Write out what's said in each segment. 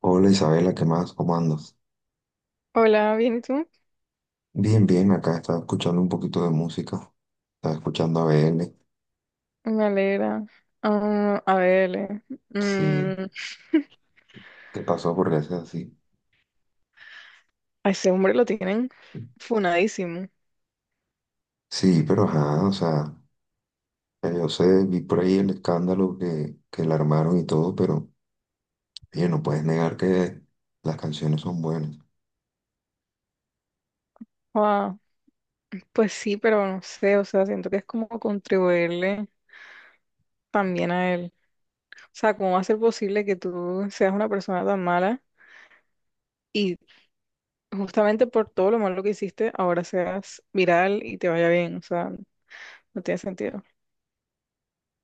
Hola Isabela, ¿qué más? ¿Cómo andas? Hola, ¿bien y tú? Bien, bien, acá estaba escuchando un poquito de música. Estaba escuchando a BN. Me alegra. Ah, a ver, Sí, mm, ¿qué pasó? ¿Por qué haces así? a ese hombre lo tienen funadísimo. Sí, pero ajá, o sea, yo sé, vi por ahí el escándalo que le armaron y todo, pero oye, no puedes negar que las canciones son buenas. Guau, pues sí, pero no sé, o sea, siento que es como contribuirle también a él. O sea, ¿cómo va a ser posible que tú seas una persona tan mala y justamente por todo lo malo que hiciste, ahora seas viral y te vaya bien? O sea, no tiene sentido.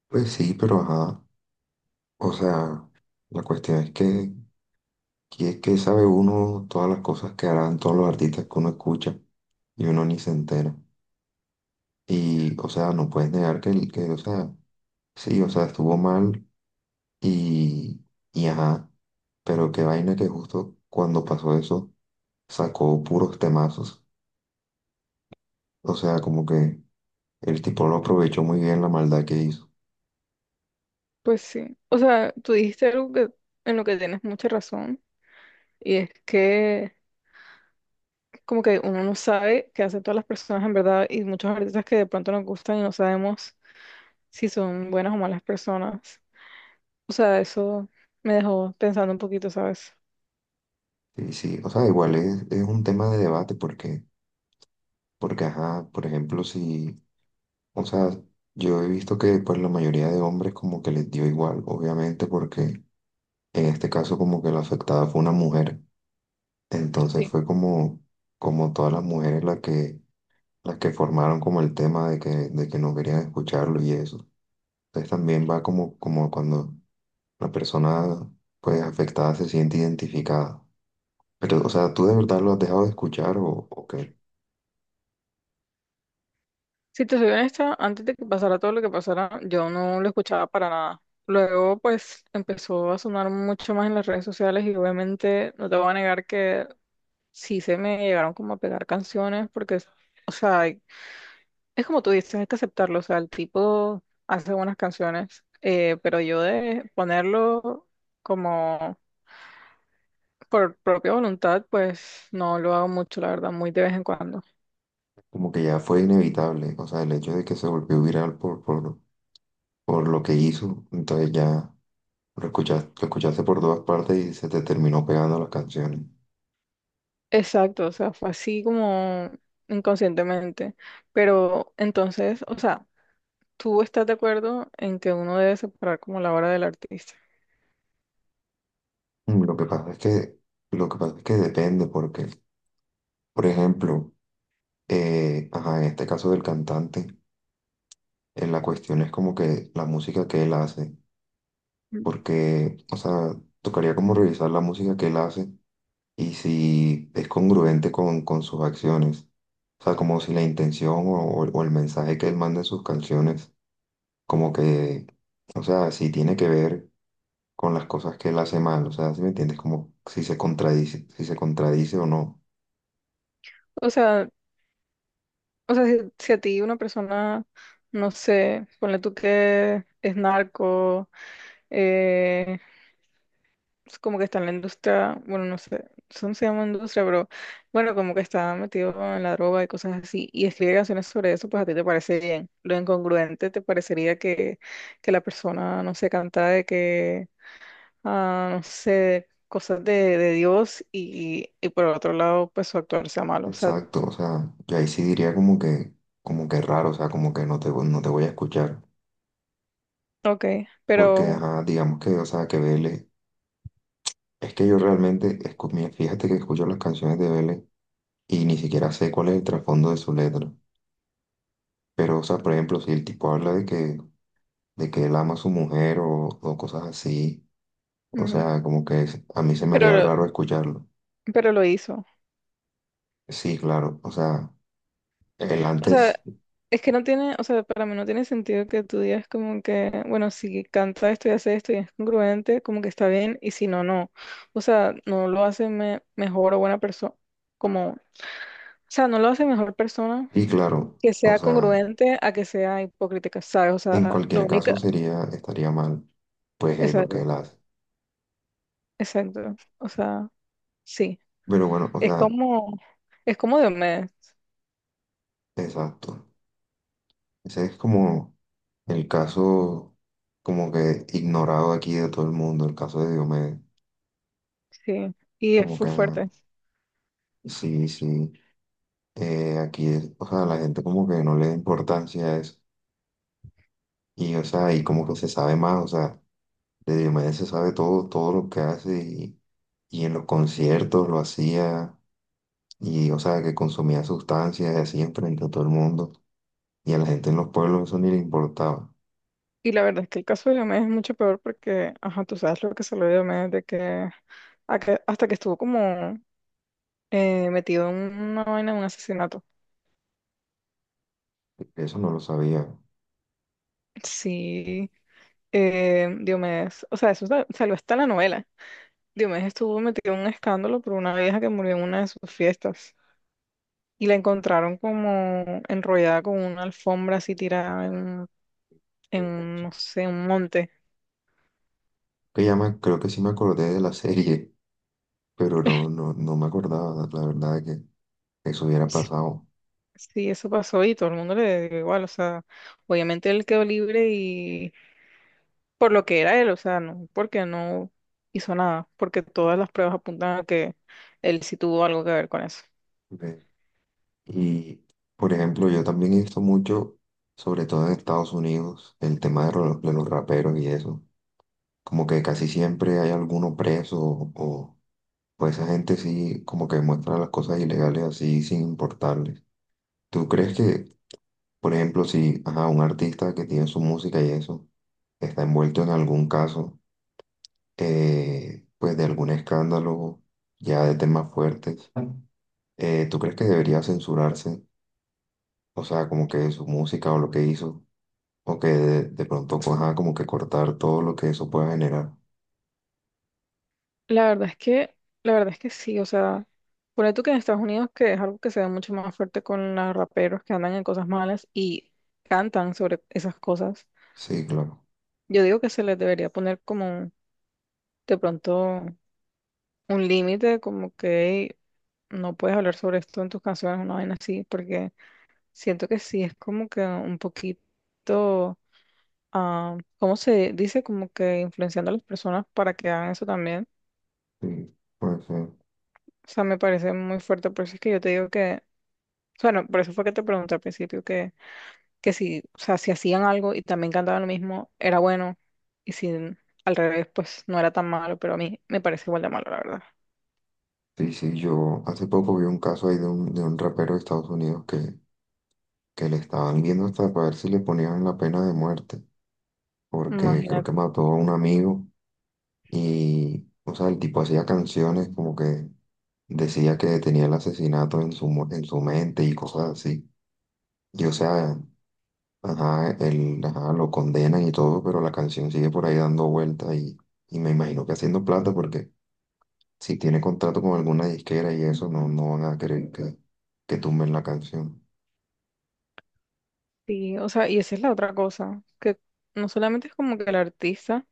Pues sí, pero ajá, o sea, la cuestión es que es que sabe uno todas las cosas que harán todos los artistas que uno escucha y uno ni se entera. Y, o sea, no puedes negar que o sea, sí, o sea, estuvo mal y, y ajá, pero qué vaina que justo cuando pasó eso sacó puros temazos. O sea, como que el tipo lo aprovechó muy bien la maldad que hizo. Pues sí. O sea, tú dijiste algo en lo que tienes mucha razón y es que como que uno no sabe qué hacen todas las personas en verdad y muchos artistas que de pronto nos gustan y no sabemos si son buenas o malas personas. O sea, eso me dejó pensando un poquito, ¿sabes? Sí, sí, o sea, igual es un tema de debate porque ajá, por ejemplo, si, o sea, yo he visto que pues la mayoría de hombres como que les dio igual, obviamente, porque en este caso como que la afectada fue una mujer. Entonces Sí. fue como, como todas las mujeres las que formaron como el tema de que no querían escucharlo y eso. Entonces también va como, como cuando la persona pues afectada se siente identificada. Pero, o sea, ¿tú de verdad lo has dejado de escuchar o qué? Si te soy honesta, antes de que pasara todo lo que pasara, yo no lo escuchaba para nada. Luego, pues, empezó a sonar mucho más en las redes sociales y obviamente no te voy a negar que sí se me llegaron como a pegar canciones o sea, es como tú dices, hay que aceptarlo. O sea, el tipo hace buenas canciones, pero yo de ponerlo como por propia voluntad, pues no lo hago mucho, la verdad, muy de vez en cuando. Como que ya fue inevitable, o sea, el hecho de que se volvió viral por lo que hizo, entonces ya lo escuchaste por todas partes y se te terminó pegando las canciones. Exacto, o sea, fue así como inconscientemente. Pero entonces, o sea, ¿tú estás de acuerdo en que uno debe separar como la obra del artista? Mm, lo que pasa es lo que pasa es que depende porque, por ejemplo, ajá, en este caso del cantante, la cuestión es como que la música que él hace, Mm. porque, o sea, tocaría como revisar la música que él hace y si es congruente con sus acciones, o sea, como si la intención o el mensaje que él manda en sus canciones, como que, o sea, si tiene que ver con las cosas que él hace mal, o sea, ¿si me entiendes? Como si se contradice, si se contradice o no. O sea, si a ti una persona, no sé, ponle tú que es narco, eh, es como que está en la industria, bueno, no sé, eso no se llama industria, pero bueno, como que está metido en la droga y cosas así, y escribe canciones sobre eso, pues a ti te parece bien. Lo incongruente te parecería que la persona, no sé, canta de que, ah, no sé, cosas de Dios y por otro lado, pues su actuar sea malo, o sea, Exacto, o sea, yo ahí sí diría como que raro, o sea, como que no te voy a escuchar, ok, porque, pero, ajá, digamos que, o sea, que Vélez, es que yo realmente, escu- mira, fíjate que escucho las canciones de Vélez y ni siquiera sé cuál es el trasfondo de su letra, pero, o sea, por ejemplo, si el tipo habla de que él ama a su mujer o cosas así, o ujú, sea, como que es- a mí se me haría pero, raro escucharlo. pero lo hizo. Sí, claro, o sea, el O sea, antes, es que no tiene, o sea, para mí no tiene sentido que tú digas como que, bueno, si canta esto y hace esto y es congruente, como que está bien, y si no, no. O sea, no lo hace me- mejor o buena persona, como, o sea, no lo hace mejor persona sí, claro, que o sea sea, congruente a que sea hipócrita, ¿sabes? O en sea, lo cualquier único, caso sería, estaría mal. Pues es lo que exacto, él hace. exacto. O sea, sí. Pero bueno, o Es sea, como, es como de mes, exacto. Ese es como el caso como que ignorado aquí de todo el mundo, el caso de Diomedes. sí. Y es Como que, full ajá, fuerte. sí, sí, aquí es, o sea, la gente como que no le da importancia a eso. Y, o sea, y como que se sabe más, o sea, de Diomedes se sabe todo, todo lo que hace y en los conciertos lo hacía y, o sea, que consumía sustancias y así enfrente a todo el mundo. Y a la gente en los pueblos eso ni le importaba. Y la verdad es que el caso de Diomedes es mucho peor porque, ajá, tú sabes lo que se lo de Diomedes, de hasta que estuvo como metido en una vaina de un asesinato. Eso no lo sabía. Sí, Diomedes, o sea, salió hasta en la novela. Diomedes estuvo metido en un escándalo por una vieja que murió en una de sus fiestas y la encontraron como enrollada con una alfombra así tirada Que en no sé, un monte. ya me- creo que sí me acordé de la serie, pero no me acordaba, la verdad, que eso hubiera Sí, pasado. sí, eso pasó y todo el mundo le dio igual, o sea, obviamente él quedó libre y por lo que era él, o sea, no, porque no hizo nada, porque todas las pruebas apuntan a que él sí tuvo algo que ver con eso. Ve. Y, por ejemplo, yo también he visto mucho, sobre todo en Estados Unidos, el tema de los raperos y eso. Como que casi siempre hay alguno preso o pues, esa gente sí como que muestra las cosas ilegales así sin importarles. ¿Tú crees que, por ejemplo, si ajá, un artista que tiene su música y eso está envuelto en algún caso? Pues de algún escándalo ya de temas fuertes, ¿tú crees que debería censurarse? O sea, como que su música o lo que hizo, o que de pronto, pues, ajá, como que cortar todo lo que eso pueda generar. La verdad es que, la verdad es que sí, o sea, por tú que en Estados Unidos, que es algo que se ve mucho más fuerte con los raperos que andan en cosas malas y cantan sobre esas cosas, Sí, claro. yo digo que se les debería poner como de pronto un límite, como que "Ey, no puedes hablar sobre esto en tus canciones", una vaina así, porque siento que sí es como que un poquito ah, ¿cómo se dice? Como que influenciando a las personas para que hagan eso también. Sí, puede ser. O sea, me parece muy fuerte, por eso es que yo te digo bueno, por eso fue que te pregunté al principio que si, o sea, si hacían algo y también cantaban lo mismo, era bueno, y si al revés, pues no era tan malo, pero a mí me parece igual de malo, la verdad. Sí, sí, yo hace poco vi un caso ahí de un rapero de Estados Unidos que le estaban viendo hasta para ver si le ponían la pena de muerte, porque creo que Imagínate. mató a un amigo o sea, el tipo hacía canciones como que decía que tenía el asesinato en su, mo- en su mente y cosas así. Y o sea, ajá, él, ajá, lo condenan y todo, pero la canción sigue por ahí dando vueltas y me imagino que haciendo plata porque si tiene contrato con alguna disquera y eso, no van a querer que tumben la canción. Sí, o sea, y esa es la otra cosa, que no solamente es como que el artista,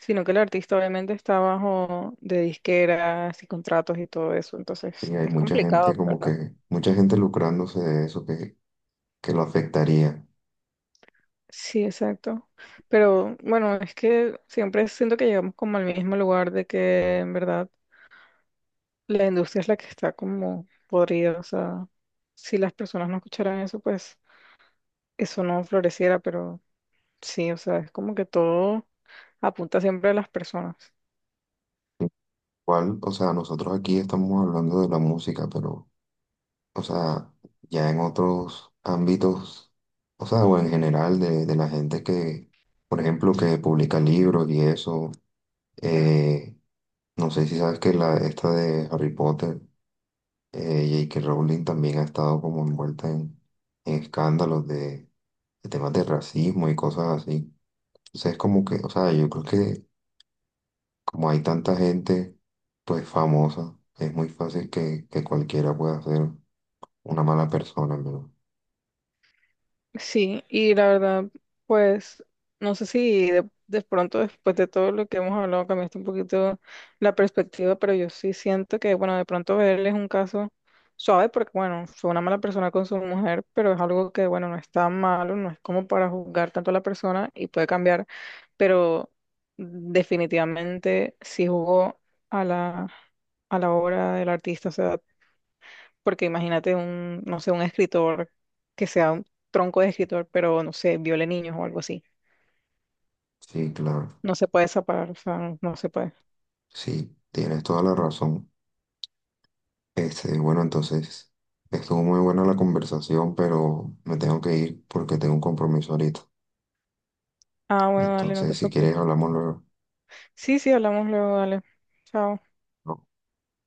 sino que el artista obviamente está bajo de disqueras y contratos y todo eso, Y entonces hay es mucha complicado, gente como pero que, mucha gente lucrándose de eso que lo afectaría. Sí, exacto. Pero bueno, es que siempre siento que llegamos como al mismo lugar de que en verdad la industria es la que está como podrida. O sea, si las personas no escucharan eso, pues eso no floreciera. Pero sí, o sea, es como que todo apunta siempre a las personas. Igual, o sea, nosotros aquí estamos hablando de la música, pero o sea, ya en otros ámbitos, o sea, o en general de la gente que, por ejemplo, que publica libros y eso, eh, no sé si sabes que la, esta de Harry Potter, JK Rowling también ha estado como envuelta en escándalos de temas de racismo y cosas así. Entonces es como que, o sea, yo creo que como hay tanta gente, pues famosa, es muy fácil que cualquiera pueda ser una mala persona, en verdad. Sí, y la verdad, pues no sé si de pronto después de todo lo que hemos hablado cambiaste un poquito la perspectiva, pero yo sí siento que, bueno, de pronto verle es un caso suave porque, bueno, fue una mala persona con su mujer, pero es algo que, bueno, no está malo, no es como para juzgar tanto a la persona y puede cambiar, pero definitivamente sí jugó a a la obra del artista, o sea, porque imagínate un, no sé, un escritor que sea un tronco de escritor, pero no sé, viole niños o algo así. Sí, claro. No se puede separar, o sea, no se puede. Sí, tienes toda la razón. Este, bueno, entonces, estuvo muy buena la conversación, pero me tengo que ir porque tengo un compromiso ahorita. Ah, bueno, dale, no te Entonces, si quieres, preocupes. hablamos luego. Sí, sí, hablamos luego, dale. Chao.